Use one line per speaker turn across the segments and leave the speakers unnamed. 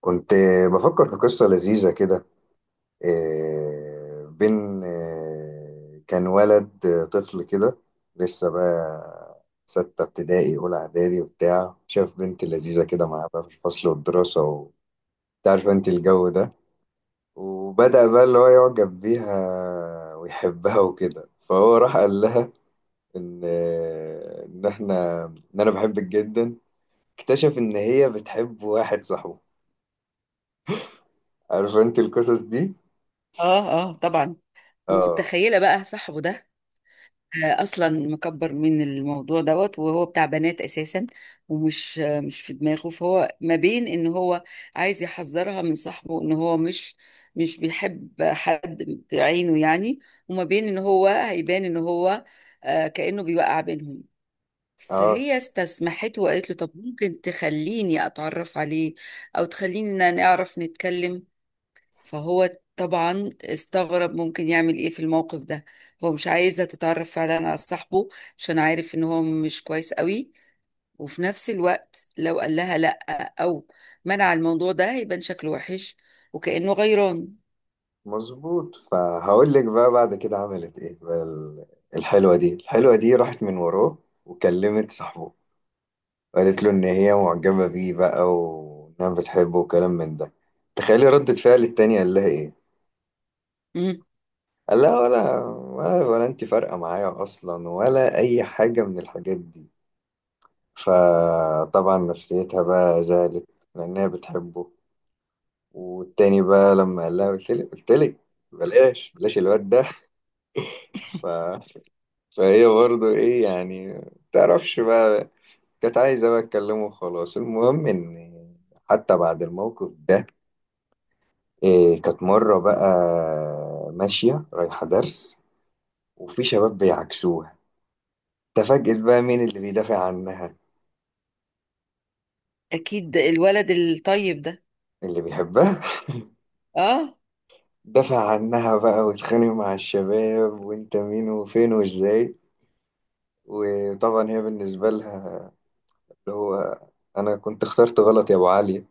كنت بفكر في قصة لذيذة كده. إيه، بين إيه، كان ولد طفل كده. لسه بقى ستة ابتدائي، أولى إعدادي وبتاع، شاف بنت لذيذة كده معاه بقى في الفصل والدراسة، وتعرف أنت الجو ده. وبدأ بقى اللي هو يعجب بيها ويحبها وكده، فهو راح قال لها: إن آه، إن إحنا إن أنا بحبك جدا. اكتشف إن هي بتحب واحد صاحبه. عارف أنت القصص دي؟
اه. اه طبعا.
آه.
ومتخيله بقى صاحبه ده. اصلا مكبر من الموضوع دوت وهو بتاع بنات اساسا. ومش مش في دماغه، فهو ما بين ان هو عايز يحذرها من صاحبه ان هو مش بيحب حد بعينه يعني، وما بين ان هو هيبان ان هو كأنه بيوقع بينهم.
اه.
فهي استسمحته وقالت له طب ممكن تخليني اتعرف عليه او تخلينا نعرف نتكلم. فهو طبعا استغرب ممكن يعمل ايه في الموقف ده. هو مش عايزة تتعرف فعلا على صاحبه عشان عارف ان هو مش كويس قوي، وفي نفس الوقت لو قال لها لا او منع الموضوع ده هيبان شكله وحش وكأنه غيران.
مظبوط، فهقول لك بقى بعد كده عملت ايه بقى الحلوة دي راحت من وراه وكلمت صاحبه، قالت له ان هي معجبة بيه بقى وانها بتحبه وكلام من ده. تخيلي ردة فعل التاني، قال لها ايه؟
مم.
قال لها: ولا ولا ولا انت فارقة معايا اصلا ولا اي حاجة من الحاجات دي. فطبعا نفسيتها بقى زعلت، لانها بتحبه. والتاني بقى لما قال لها، قلت لك قلت لك بلاش بلاش الواد ده. فهي برضو ايه يعني، تعرفش بقى، كانت عايزة بقى اتكلمه وخلاص. المهم ان حتى بعد الموقف ده، كانت مرة بقى ماشية رايحة درس، وفي شباب بيعكسوها. تفاجئت بقى مين اللي بيدافع عنها؟
اكيد الولد الطيب ده.
اللي بيحبها.
اه.
دافع عنها بقى واتخانق مع الشباب، وانت مين وفين وازاي. وطبعا هي بالنسبة لها اللي هو انا كنت اخترت غلط يا ابو علي.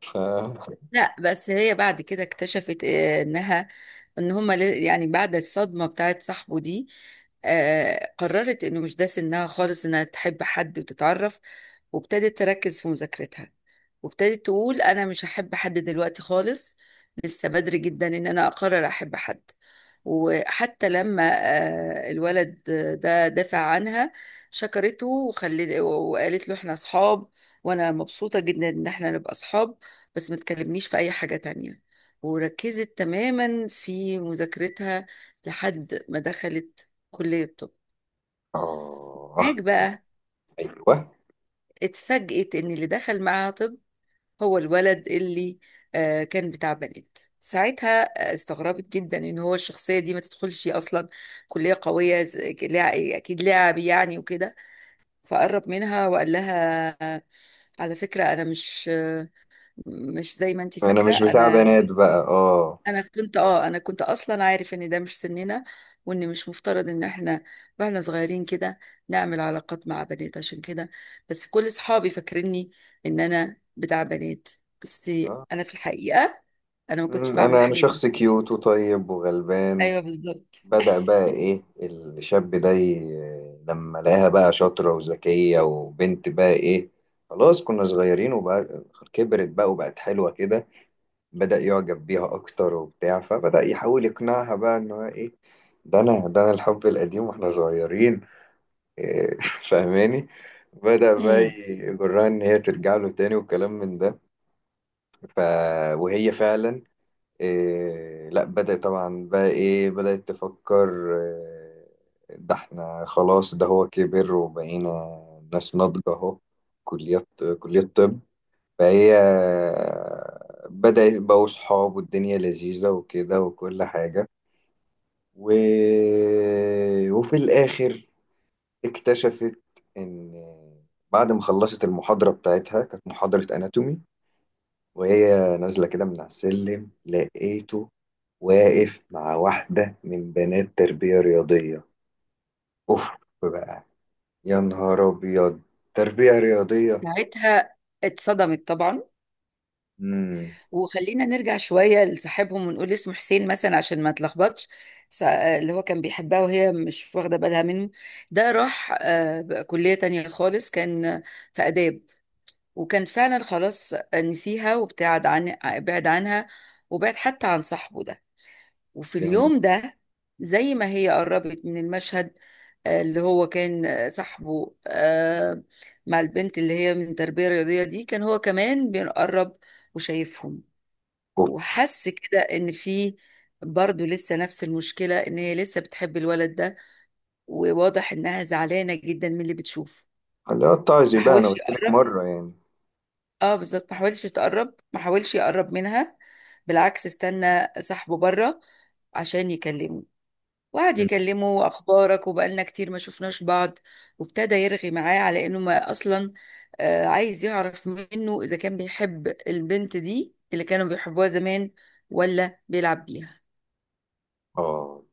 ف
لا بس هي بعد كده اكتشفت انها ان يعني بعد الصدمة بتاعت صاحبه دي قررت انه مش ده سنها خالص انها تحب حد وتتعرف، وابتدت تركز في مذاكرتها، وابتدت تقول انا مش هحب حد دلوقتي خالص، لسه بدري جدا ان انا اقرر احب حد. وحتى لما الولد ده دافع عنها، شكرته وخلت وقالت له احنا اصحاب وانا مبسوطة جدا ان احنا نبقى اصحاب بس ما تكلمنيش في اي حاجة تانية. وركزت تماما في مذاكرتها لحد ما دخلت كلية الطب.
آه،
هناك بقى
ايوه،
اتفاجئت ان اللي دخل معاها طب هو الولد اللي كان بتاع بنات ساعتها. استغربت جدا ان هو الشخصيه دي ما تدخلش اصلا كليه قويه اكيد لاعب يعني وكده. فقرب منها وقال لها على فكره انا مش مش زي ما انت
انا
فاكره،
مش بتاع
انا
بنات بقى اه.
انا كنت اه انا كنت اصلا عارف ان ده مش سننا وان مش مفترض ان احنا واحنا صغيرين كده نعمل علاقات مع بنات، عشان كده بس كل اصحابي فاكريني ان انا بتاع بنات بس
آه.
انا في الحقيقة ما كنتش بعمل
انا
الحاجات
شخص
دي.
كيوت وطيب وغلبان.
ايوه بالظبط.
بدأ بقى ايه الشاب ده لما لقاها بقى شاطرة وذكية وبنت بقى ايه، خلاص كنا صغيرين، وبقى كبرت بقى وبقت حلوة كده، بدأ يعجب بيها اكتر وبتاع. فبدأ يحاول يقنعها بقى ان هو ايه، ده انا الحب القديم واحنا صغيرين. إيه، فاهماني. بدأ بقى
امم.
يجرها ان هي ترجع له تاني والكلام من ده. ف... وهي فعلا لا، بدأت طبعا بقى بدأت تفكر: ده احنا خلاص، ده هو كبر وبقينا ناس ناضجة اهو، كليات، كلية طب. فهي بدأت بقوا صحاب والدنيا لذيذة وكده وكل حاجة. و... وفي الآخر اكتشفت إن بعد ما خلصت المحاضرة بتاعتها، كانت محاضرة أناتومي، وهي نازلة كده من على السلم، لقيته واقف مع واحدة من بنات تربية رياضية. أوف بقى، يا نهار أبيض، تربية رياضية.
ساعتها اتصدمت طبعا.
مم.
وخلينا نرجع شوية لصاحبهم ونقول اسمه حسين مثلا عشان ما تلخبطش. اللي هو كان بيحبها وهي مش واخدة بالها منه، ده راح بقى كلية تانية خالص، كان في آداب، وكان فعلا خلاص نسيها وابتعد عن عنها، وبعد حتى عن صاحبه ده. وفي
جميل.
اليوم ده زي ما هي قربت من المشهد، اللي هو كان صاحبه مع البنت اللي هي من تربية رياضية دي، كان هو كمان بيقرب وشايفهم.
أوف.
وحس كده ان في برضه لسه نفس المشكلة، ان هي لسه بتحب الولد ده، وواضح انها زعلانة جدا من اللي بتشوفه.
اللي هو الطعزي
ما
بقى، أنا
حاولش
قلت لك
يقرب.
مرة يعني.
اه بالظبط، ما حاولش يتقرب ما حاولش يقرب منها، بالعكس استنى صاحبه بره عشان يكلمه. وقعد
مم.
يكلمه اخبارك وبقالنا كتير ما شفناش بعض، وابتدى يرغي معاه على انه ما اصلا عايز يعرف منه اذا كان بيحب البنت دي اللي كانوا بيحبوها زمان ولا بيلعب بيها.
آه،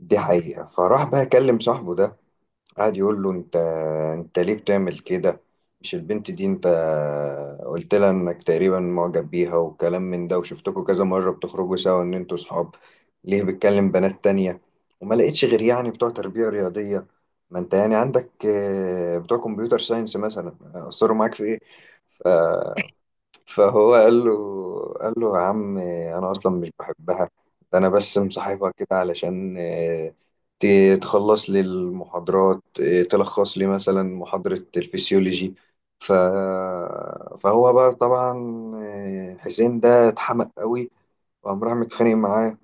دي حقيقة. فراح بقى أكلم صاحبه ده، قعد يقول له: انت ليه بتعمل كده؟ مش البنت دي انت قلت لها انك تقريبا معجب بيها وكلام من ده، وشفتكوا كذا مرة بتخرجوا سوا ان انتوا صحاب؟ ليه بتكلم بنات تانية؟ وما لقيتش غير يعني بتوع تربية رياضية؟ ما انت يعني عندك بتوع كمبيوتر ساينس مثلا، اثروا معاك في ايه؟ فهو قال له: يا عم انا اصلا مش بحبها، ده انا بس مصاحبها كده علشان آه، ت- تخلص لي المحاضرات آه، تلخص لي مثلا محاضرة الفسيولوجي. ف... فهو بقى طبعا حسين ده اتحمق قوي، وقام راح متخانق معاه،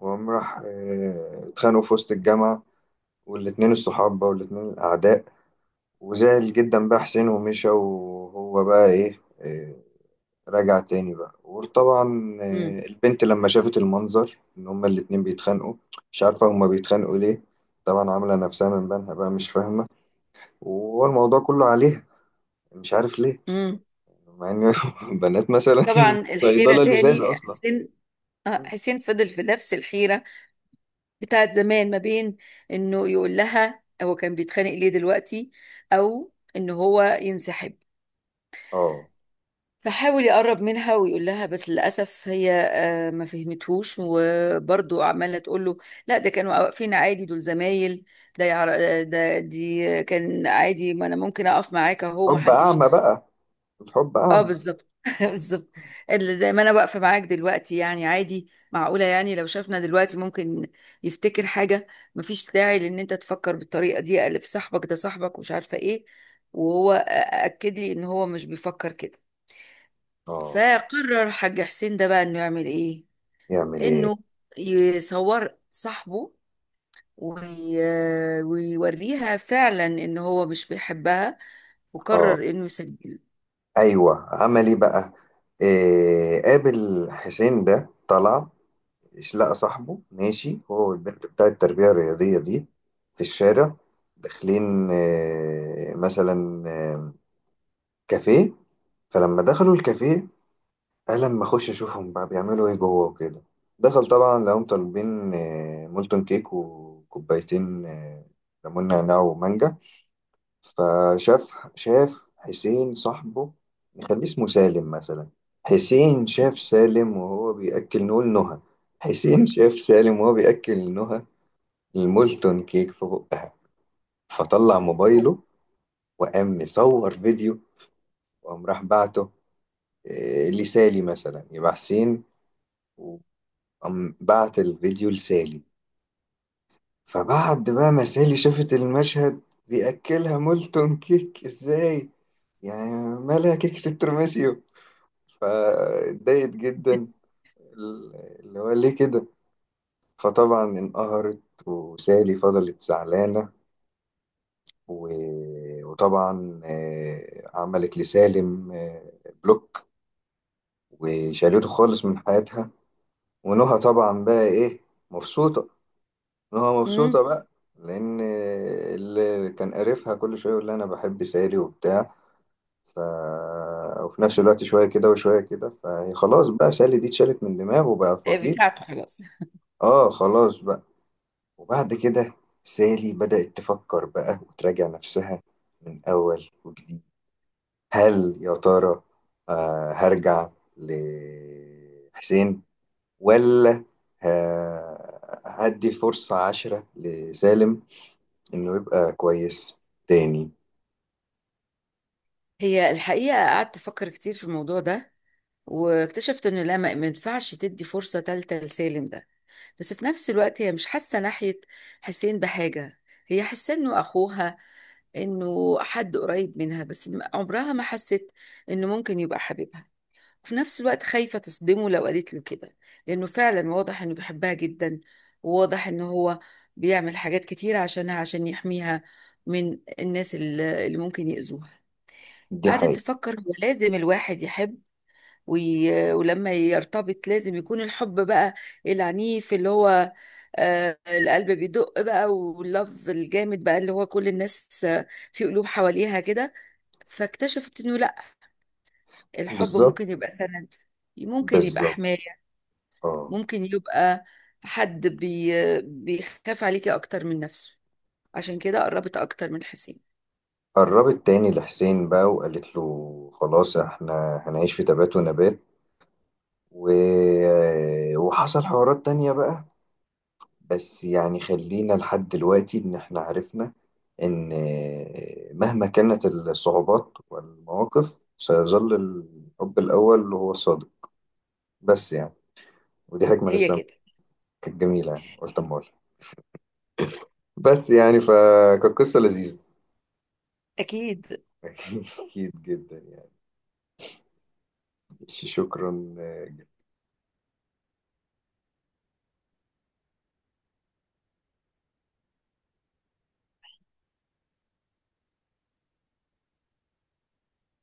وقام راح اتخانقوا في وسط الجامعة، والاتنين الصحاب بقى والاتنين الأعداء. وزعل جدا بقى حسين ومشى، وهو بقى إيه آه، رجع تاني بقى. وطبعا البنت لما شافت المنظر ان هما الاتنين بيتخانقوا، مش عارفة هما بيتخانقوا ليه، طبعا عاملة نفسها من بينها بقى مش فاهمة، وهو الموضوع كله عليها مش عارف ليه،
امم.
مع ان بنات مثلا
طبعا الحيرة
صيدلة لزاز
تاني
اصلا.
حسين. حسين فضل في نفس الحيرة بتاعت زمان ما بين انه يقول لها هو كان بيتخانق ليه دلوقتي او ان هو ينسحب.
اه،
فحاول يقرب منها ويقول لها، بس للأسف هي ما فهمتهوش وبرضه عمالة تقول له لا ده كانوا واقفين عادي دول زمايل، ده يعر... آه، ده دي كان عادي ما انا ممكن اقف معاك اهو ما
حب
حدش.
اعمى بقى، الحب
اه
اعمى.
بالظبط بالظبط. اللي زي ما انا واقفه معاك دلوقتي يعني عادي، معقوله يعني لو شافنا دلوقتي ممكن يفتكر حاجه؟ مفيش داعي لان انت تفكر بالطريقه دي، الف صاحبك ده صاحبك ومش عارفه ايه. وهو اكد لي ان هو مش بيفكر كده.
اه.
فقرر حاج حسين ده بقى انه يعمل ايه.
يعمل ايه؟
انه يصور صاحبه وي... ويوريها فعلا ان هو مش بيحبها،
اه.
وقرر انه يسجله.
ايوه، عمل ايه بقى؟ قابل حسين ده طلع، إيش، لقى صاحبه ماشي هو والبنت بتاع التربية الرياضية دي في الشارع، داخلين مثلا كافيه. فلما دخلوا الكافيه، قال لما اخش اشوفهم بقى بيعملوا ايه جوه وكده. دخل طبعا، لقاهم طالبين مولتون كيك وكوبايتين ليمون نعناع ومانجا. فشاف حسين صاحبه، نخليه اسمه سالم مثلا. حسين شاف سالم وهو بيأكل، نقول نهى، حسين شاف سالم وهو بيأكل نهى المولتون كيك في بقها. فطلع
أوب.
موبايله وقام مصور فيديو، وقام راح بعته لسالي مثلا، يبقى حسين وقام بعت الفيديو لسالي. فبعد بقى ما سالي شافت المشهد، بيأكلها مولتون كيك ازاي يعني، مالها كيكة الترمسيو؟ فاتضايقت جدا، اللي هو ليه كده. فطبعا انقهرت، وسالي فضلت زعلانة، وطبعا عملت لسالم بلوك، وشالته خالص من حياتها. ونهى طبعا بقى ايه، مبسوطة، نهى
مم.
مبسوطة بقى، لأن اللي كان قرفها كل شوية يقول لها أنا بحب سالي وبتاع. ف... وفي نفس الوقت شوية كده وشوية كده، فهي خلاص بقى سالي دي اتشالت من دماغه، وبقى فضيل.
بتاعته خلاص.
اه، خلاص بقى. وبعد كده سالي بدأت تفكر بقى وتراجع نفسها من أول وجديد: هل يا ترى هرجع لحسين، ولا هدي فرصة عشرة لسالم إنه يبقى كويس تاني؟
هي الحقيقة قعدت أفكر كتير في الموضوع ده، واكتشفت إنه لا، ما ينفعش تدي فرصة تالتة لسالم ده. بس في نفس الوقت هي مش حاسة ناحية حسين بحاجة، هي حاسة إنه أخوها، إنه حد قريب منها، بس عمرها ما حست إنه ممكن يبقى حبيبها. وفي نفس الوقت خايفة تصدمه لو قالت له كده، لأنه فعلا واضح إنه بيحبها جدا، وواضح إنه هو بيعمل حاجات كتيرة عشانها عشان يحميها من الناس اللي ممكن يأذوها.
دي
قعدت
حقيقة.
تفكر هو لازم الواحد يحب ولما يرتبط لازم يكون الحب بقى العنيف، اللي هو آه القلب بيدق بقى واللف الجامد بقى، اللي هو كل الناس في قلوب حواليها كده. فاكتشفت انه لا، الحب
بالظبط.
ممكن يبقى سند، ممكن يبقى
بالظبط.
حماية،
اه.
ممكن يبقى حد بي... بيخاف عليكي اكتر من نفسه. عشان كده قربت اكتر من حسين.
قربت تاني لحسين بقى، وقالت له خلاص احنا هنعيش في تبات ونبات. و... آه، وحصل حوارات تانية بقى، بس يعني خلينا لحد دلوقتي، إن إحنا عرفنا إن مهما كانت الصعوبات والمواقف، سيظل الحب الأول هو الصادق. بس يعني، ودي حكمة
هي
لسه
كده.
كانت جميلة يعني، قلت أما أقولها. بس يعني، فكانت قصة لذيذة.
اكيد.
أكيد جدا يعني. شكرا.